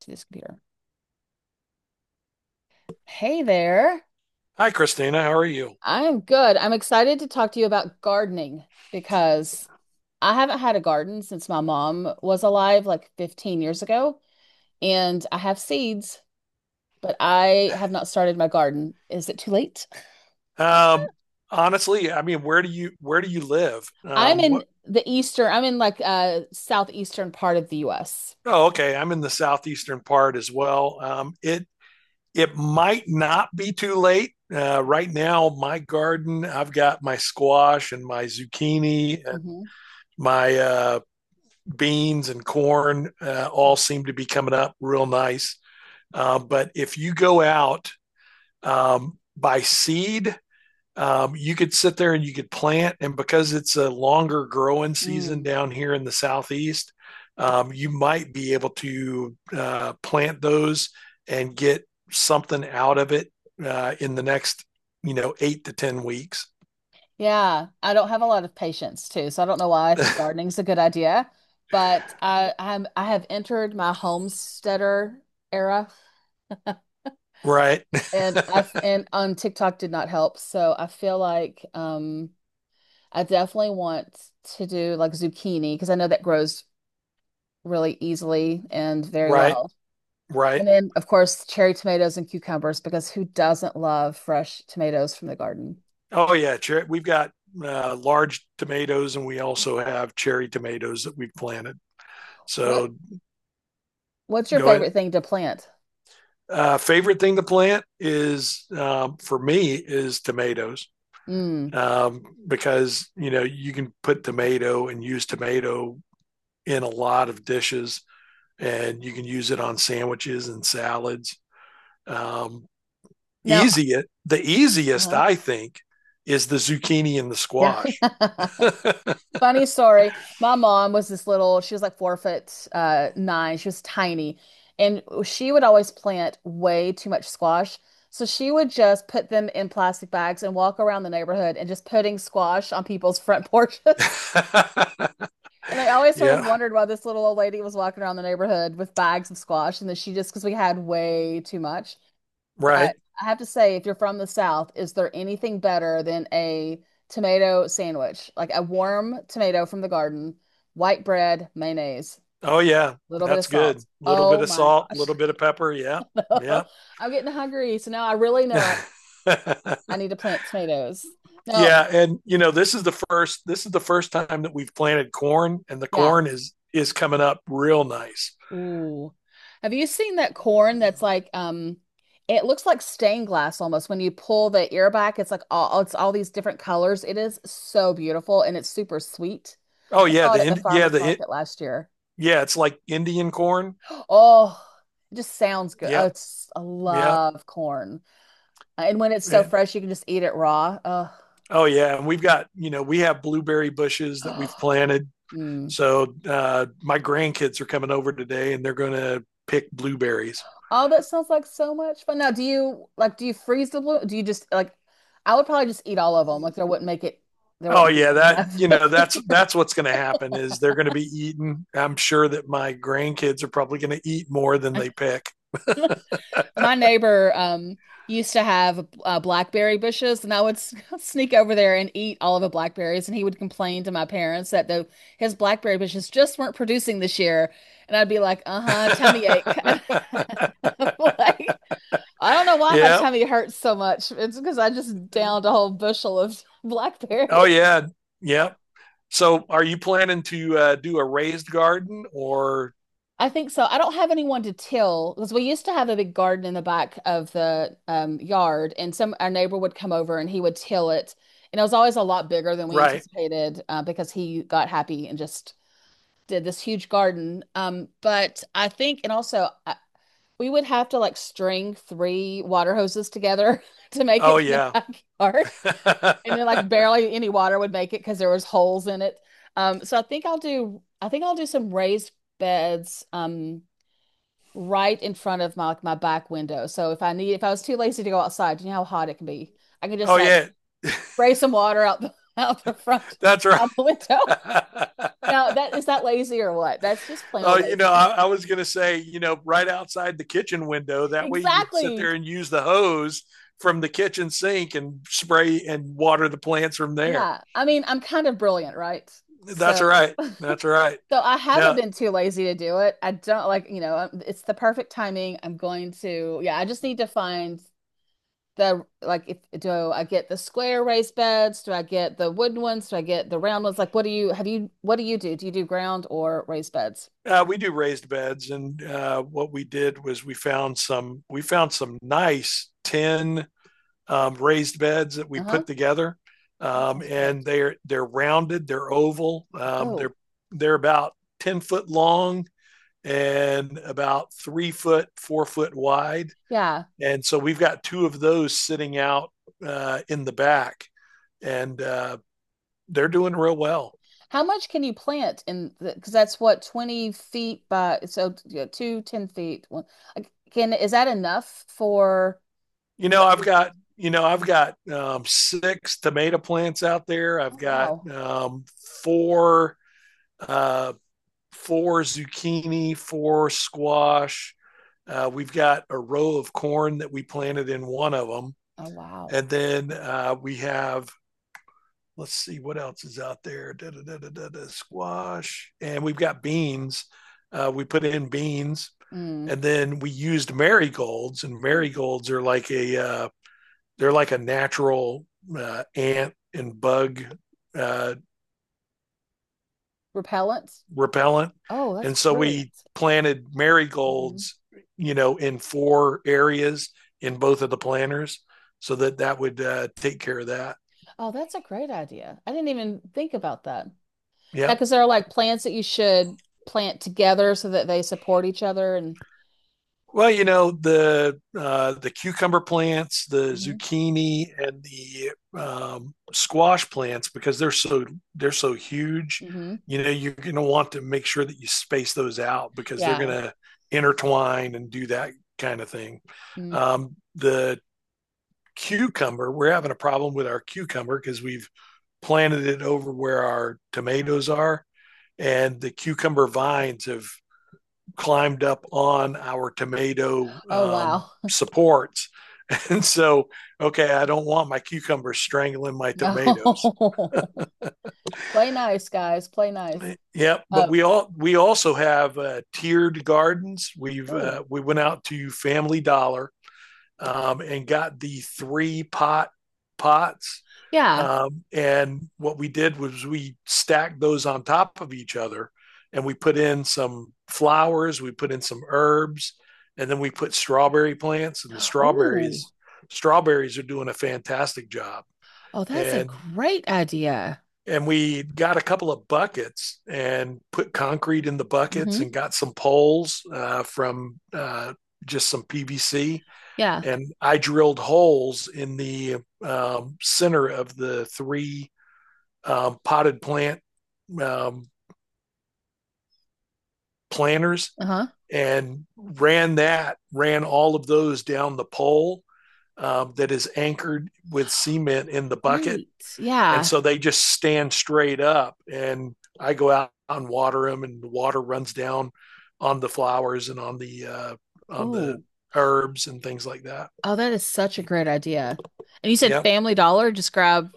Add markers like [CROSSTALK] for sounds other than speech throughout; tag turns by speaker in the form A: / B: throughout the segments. A: To this computer. Hey there.
B: Hi, Christina. How are you?
A: I'm good. I'm excited to talk to you about gardening because I haven't had a garden since my mom was alive, like 15 years ago, and I have seeds, but I have not started my garden. Is it too late?
B: Um, honestly, where do you live?
A: I'm in
B: What?
A: the eastern, I'm in like southeastern part of the US.
B: Oh, okay. I'm in the southeastern part as well. It might not be too late. Right now, my garden, I've got my squash and my zucchini and my beans and corn all
A: Mm-hmm.
B: seem to be coming up real nice. But if you go out by seed, you could sit there and you could plant. And because it's a longer growing season down here in the southeast, you might be able to plant those and get something out of it in the next eight to 10 weeks.
A: Yeah, I don't have a lot of patience too, so I don't know why I think
B: [LAUGHS]
A: gardening's a good idea, but I have entered my homesteader era [LAUGHS]
B: right.
A: and on TikTok did not help, so I feel like I definitely want to do like zucchini because I know that grows really easily and
B: [LAUGHS]
A: very
B: right,
A: well.
B: right.
A: And then of course cherry tomatoes and cucumbers because who doesn't love fresh tomatoes from the garden?
B: Oh, yeah. Cher- we've got large tomatoes and we also have cherry tomatoes that we've planted.
A: What
B: So
A: what's your
B: go ahead.
A: favorite thing to plant?
B: Favorite thing to plant is for me is tomatoes
A: Mm.
B: because you know you can put tomato and use tomato in a lot of dishes and you can use it on sandwiches and salads. Um,
A: Now,
B: easy the easiest
A: uh-huh.
B: I think is the zucchini and the
A: Yeah.
B: squash.
A: [LAUGHS] Funny story. My mom was this little, she was like 4 foot nine. She was tiny. And she would always plant way too much squash. So she would just put them in plastic bags and walk around the neighborhood and just putting squash on people's front porches. [LAUGHS] And I
B: [LAUGHS]
A: always sort of
B: yeah,
A: wondered why this little old lady was walking around the neighborhood with bags of squash. And then she just, because we had way too much. But
B: right.
A: I have to say, if you're from the South, is there anything better than a tomato sandwich? Like a warm tomato from the garden, white bread, mayonnaise,
B: Oh yeah,
A: a little bit of
B: that's good.
A: salt.
B: A little bit
A: Oh
B: of
A: my
B: salt, a
A: gosh.
B: little bit of pepper. Yeah,
A: [LAUGHS] I'm getting hungry. So now I really know
B: yeah. [LAUGHS]
A: I need to plant tomatoes. Now,
B: Yeah, and you know this is the first time that we've planted corn, and the
A: yeah,
B: corn is coming up real nice.
A: ooh. Have you seen that corn that's like it looks like stained glass almost when you pull the ear back it's like all it's all these different colors. It is so beautiful and it's super sweet.
B: Oh
A: I
B: yeah,
A: saw it at the
B: the yeah
A: farmer's
B: the
A: market last year.
B: yeah it's like Indian corn.
A: [GASPS] Oh, it just sounds good. Oh,
B: Yep,
A: it's I
B: yep.
A: love corn. And when it's so
B: And,
A: fresh you can just eat it raw.
B: oh yeah, and we've got you know we have blueberry bushes that
A: Oh.
B: we've
A: [GASPS]
B: planted.
A: Mm.
B: So my grandkids are coming over today, and they're going to pick blueberries.
A: Oh, that sounds like so much fun. Now, do you like do you freeze the blue? Do you just like I would probably just eat all of them. Like there wouldn't make it there
B: Oh
A: wouldn't be
B: yeah,
A: any
B: that
A: left
B: you
A: [LAUGHS] in the
B: know that's
A: freezer.
B: that's what's going to happen is they're going to be eating. I'm sure that my grandkids are probably going to eat more than they pick.
A: My neighbor used to have blackberry bushes and I would [LAUGHS] sneak over there and eat all of the blackberries and he would complain to my parents that the his blackberry bushes just weren't producing this year and I'd be like, "Uh-huh, tummy ache." [LAUGHS] I'm
B: [LAUGHS]
A: like I don't know why my
B: Yeah.
A: tummy hurts so much. It's because I just downed a whole bushel of [LAUGHS] blackberries.
B: Oh yeah. Yeah. So are you planning to do a raised garden or
A: I think so. I don't have anyone to till because we used to have a big garden in the back of the yard, and some our neighbor would come over and he would till it, and it was always a lot bigger than we
B: right?
A: anticipated because he got happy and just did this huge garden. But I think, and also I, we would have to like string 3 water hoses together [LAUGHS] to make it
B: Oh
A: to the
B: yeah.
A: backyard, and
B: [LAUGHS]
A: then like barely any water would make it because there was holes in it. So I think I'll do. I think I'll do some raised beds. Right in front of my like my back window. So if I need if I was too lazy to go outside, you know how hot it can be. I can just
B: oh
A: like
B: yeah.
A: spray some water out the [LAUGHS] out the front
B: That's right.
A: out the window. [LAUGHS] Now
B: [LAUGHS]
A: that is that lazy or what? That's just plain
B: Oh,
A: old
B: you know,
A: lazy.
B: I was going to say, you know, right outside the kitchen window.
A: [LAUGHS]
B: That way you'd sit
A: Exactly.
B: there and use the hose from the kitchen sink and spray and water the plants from there.
A: Yeah. I mean, I'm kind of brilliant, right?
B: That's
A: So
B: right. That's right.
A: so I haven't
B: Now,
A: been too lazy to do it. I don't like, you know, it's the perfect timing. I'm going to, yeah, I just need to find the like if do I get the square raised beds? Do I get the wooden ones? Do I get the round ones? Like what do you have you what do you do? Do you do ground or raised beds?
B: We do raised beds, and what we did was we found some nice tin raised beds that we
A: Uh-huh.
B: put together,
A: Oh, that sounds great.
B: and they're rounded, they're oval,
A: Oh,
B: they're about 10 foot long and about 3 foot, 4 foot wide,
A: yeah.
B: and so we've got two of those sitting out in the back, and they're doing real well.
A: How much can you plant in the because that's what 20 feet by so yeah, two, 10 feet. One like, can is that enough for
B: you know,
A: what
B: I've
A: you want?
B: got you know I've got six tomato plants out there. I've
A: Oh
B: got
A: wow.
B: four uh, four zucchini, four squash. We've got a row of corn that we planted in one of them,
A: Oh wow.
B: and then we have let's see what else is out there. Da, da, da, da, da, da, squash, and we've got beans. We put in beans,
A: Mm.
B: and then we used marigolds, and
A: Ooh.
B: marigolds are like a they're like a natural ant and bug uh,
A: Repellent.
B: repellent.
A: Oh, that's
B: And so we
A: brilliant.
B: planted
A: Mhm.
B: marigolds, you know, in four areas in both of the planters so that that would take care of that.
A: Oh, that's a great idea. I didn't even think about that. Yeah,
B: Yep.
A: because there are like plants that you should plant together so that they support each other and
B: Well, you know the cucumber plants, the
A: hmm
B: zucchini, and the squash plants because they're so huge.
A: hmm
B: You know, you're going to want to make sure that you space those out because they're going
A: yeah.
B: to intertwine and do that kind of thing.
A: Mm.
B: The cucumber, we're having a problem with our cucumber because we've planted it over where our tomatoes are, and the cucumber vines have climbed up on our tomato
A: Oh wow. [LAUGHS]
B: supports. [LAUGHS] And so, okay, I don't want my cucumbers strangling my tomatoes.
A: No. [LAUGHS] Play nice, guys. Play nice.
B: Yep, but
A: Uh,
B: we also have tiered gardens.
A: Oh,
B: We went out to Family Dollar and got the three pot pots.
A: yeah.
B: And what we did was we stacked those on top of each other and we put in some flowers, we put in some herbs, and then we put strawberry plants and the
A: Oh,
B: strawberries strawberries are doing a fantastic job.
A: oh, that's a
B: And
A: great idea.
B: and we got a couple of buckets and put concrete in the buckets
A: Hmm.
B: and got some poles from just some PVC
A: Yeah.
B: and I drilled holes in the center of the three potted plant um, planters
A: Uh-huh.
B: and ran that, ran all of those down the pole that is anchored with cement in the bucket.
A: Right.
B: And
A: Yeah.
B: so they just stand straight up, and I go out and water them, and the water runs down on the flowers and on the on the
A: Oh,
B: herbs and things like that.
A: oh, that is such a great idea. And you said
B: Yeah.
A: Family Dollar, just grab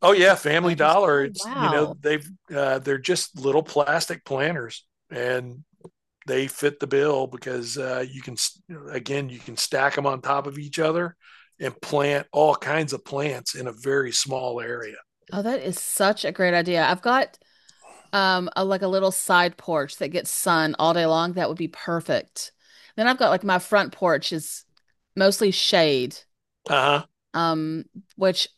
B: Oh yeah, Family
A: planters.
B: Dollar.
A: Oh,
B: It's you know
A: wow.
B: they've they're just little plastic planters, and they fit the bill because you can again you can stack them on top of each other and plant all kinds of plants in a very small area.
A: Oh, that is such a great idea. I've got a, like a little side porch that gets sun all day long that would be perfect, then I've got like my front porch is mostly shade,
B: Uh huh.
A: um which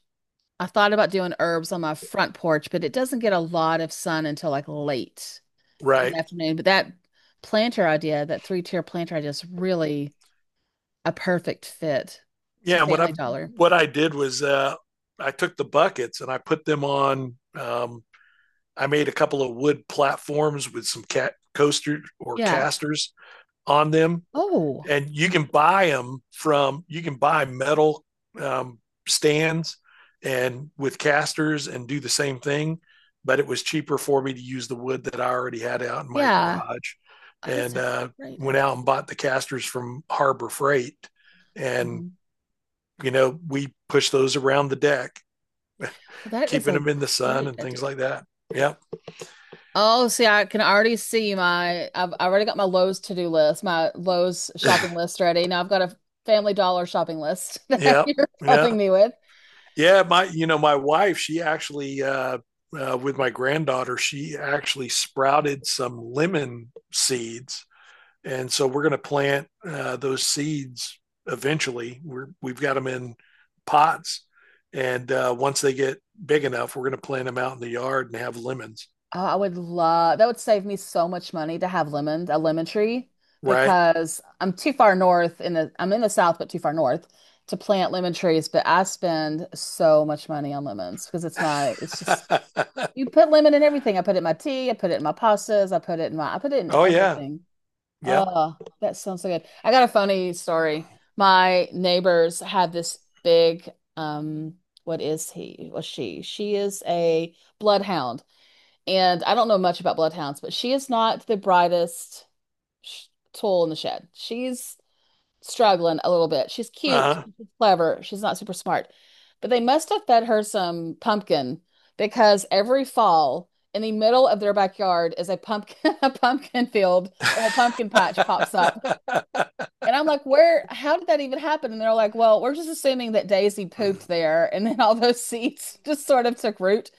A: I thought about doing herbs on my front porch but it doesn't get a lot of sun until like late in the
B: Right.
A: afternoon but that planter idea, that three-tier planter idea, is really a perfect fit. It's a
B: Yeah. And
A: family dollar.
B: what I did was I took the buckets and I put them on. I made a couple of wood platforms with some cat coasters or
A: Yeah.
B: casters on them
A: Oh
B: and you can buy metal um, stands and with casters and do the same thing but it was cheaper for me to use the wood that I already had out in my
A: yeah.
B: garage
A: Oh, that's
B: and
A: a great
B: went
A: idea.
B: out and bought the casters from Harbor Freight and
A: Mhm.
B: you know we push those around the deck
A: Oh, that is
B: keeping
A: a
B: them in the sun
A: great
B: and
A: idea.
B: things like that. Yep.
A: Oh, see, I can already see my, I already got my Lowe's to-do list, my Lowe's shopping list ready. Now I've got a Family Dollar shopping list [LAUGHS] that
B: Yep.
A: you're helping
B: Yeah.
A: me with.
B: Yeah, my you know my wife, she actually with my granddaughter, she actually sprouted some lemon seeds, and so we're going to plant those seeds eventually. We've got them in pots, and once they get big enough, we're going to plant them out in the yard and have lemons.
A: Oh, I would love, that would save me so much money to have lemon, a lemon tree,
B: Right?
A: because I'm too far north in the, I'm in the south, but too far north to plant lemon trees. But I spend so much money on lemons because it's my, it's just,
B: [LAUGHS]
A: you put lemon in everything. I put it in my tea, I put it in my pastas, I put it in my, I put it in
B: oh yeah,
A: everything.
B: yep.
A: Oh, that sounds so good. I got a funny story. My neighbors have this big, um, what is he? Well, she. She is a bloodhound. And I don't know much about bloodhounds, but she is not the brightest sh tool in the shed. She's struggling a little bit. She's cute,
B: Uh-huh.
A: she's clever, she's not super smart. But they must have fed her some pumpkin because every fall in the middle of their backyard is a pumpkin, [LAUGHS] a pumpkin field, a little pumpkin patch pops up.
B: [LAUGHS]
A: And I'm like, where, how did that even happen? And they're like, well, we're just assuming that Daisy pooped there [LAUGHS] and then all those seeds just sort of took root.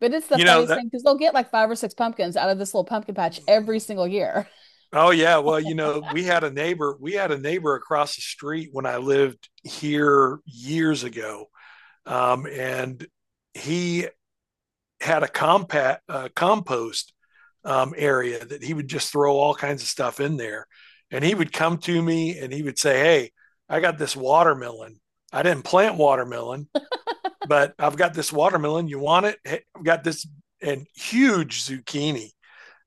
A: But it's the
B: you know
A: funniest
B: that
A: thing because they'll get like five or six pumpkins out of this little pumpkin patch every single year.
B: Oh yeah, well, you know, we had a neighbor. We had a neighbor across the street when I lived here years ago, and he had a compact compost area that he would just throw all kinds of stuff in there. And he would come to me and he would say, "Hey, I got this watermelon. I didn't plant watermelon, but I've got this watermelon. You want it? Hey, I've got this and huge zucchini."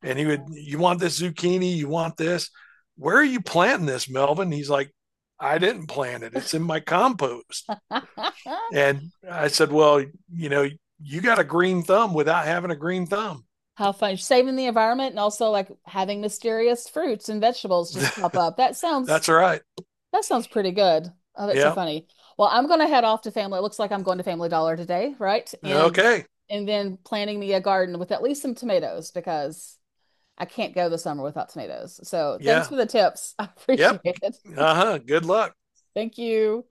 B: And he would, you want this zucchini? You want this? Where are you planting this, Melvin? He's like, I didn't plant it. It's in my compost.
A: [LAUGHS]
B: And I said, well, you know, you got a green thumb without having a green thumb.
A: How fun. Saving the environment and also like having mysterious fruits and vegetables just
B: [LAUGHS]
A: pop up.
B: That's right.
A: That sounds pretty good. Oh, that's so
B: Yeah.
A: funny. Well, I'm going to head off to family. It looks like I'm going to Family Dollar today, right?
B: Okay.
A: And then planting me a garden with at least some tomatoes because I can't go the summer without tomatoes. So thanks
B: Yeah.
A: for the tips. [LAUGHS] I
B: Yep.
A: appreciate it.
B: Uh huh. Good luck.
A: Thank you.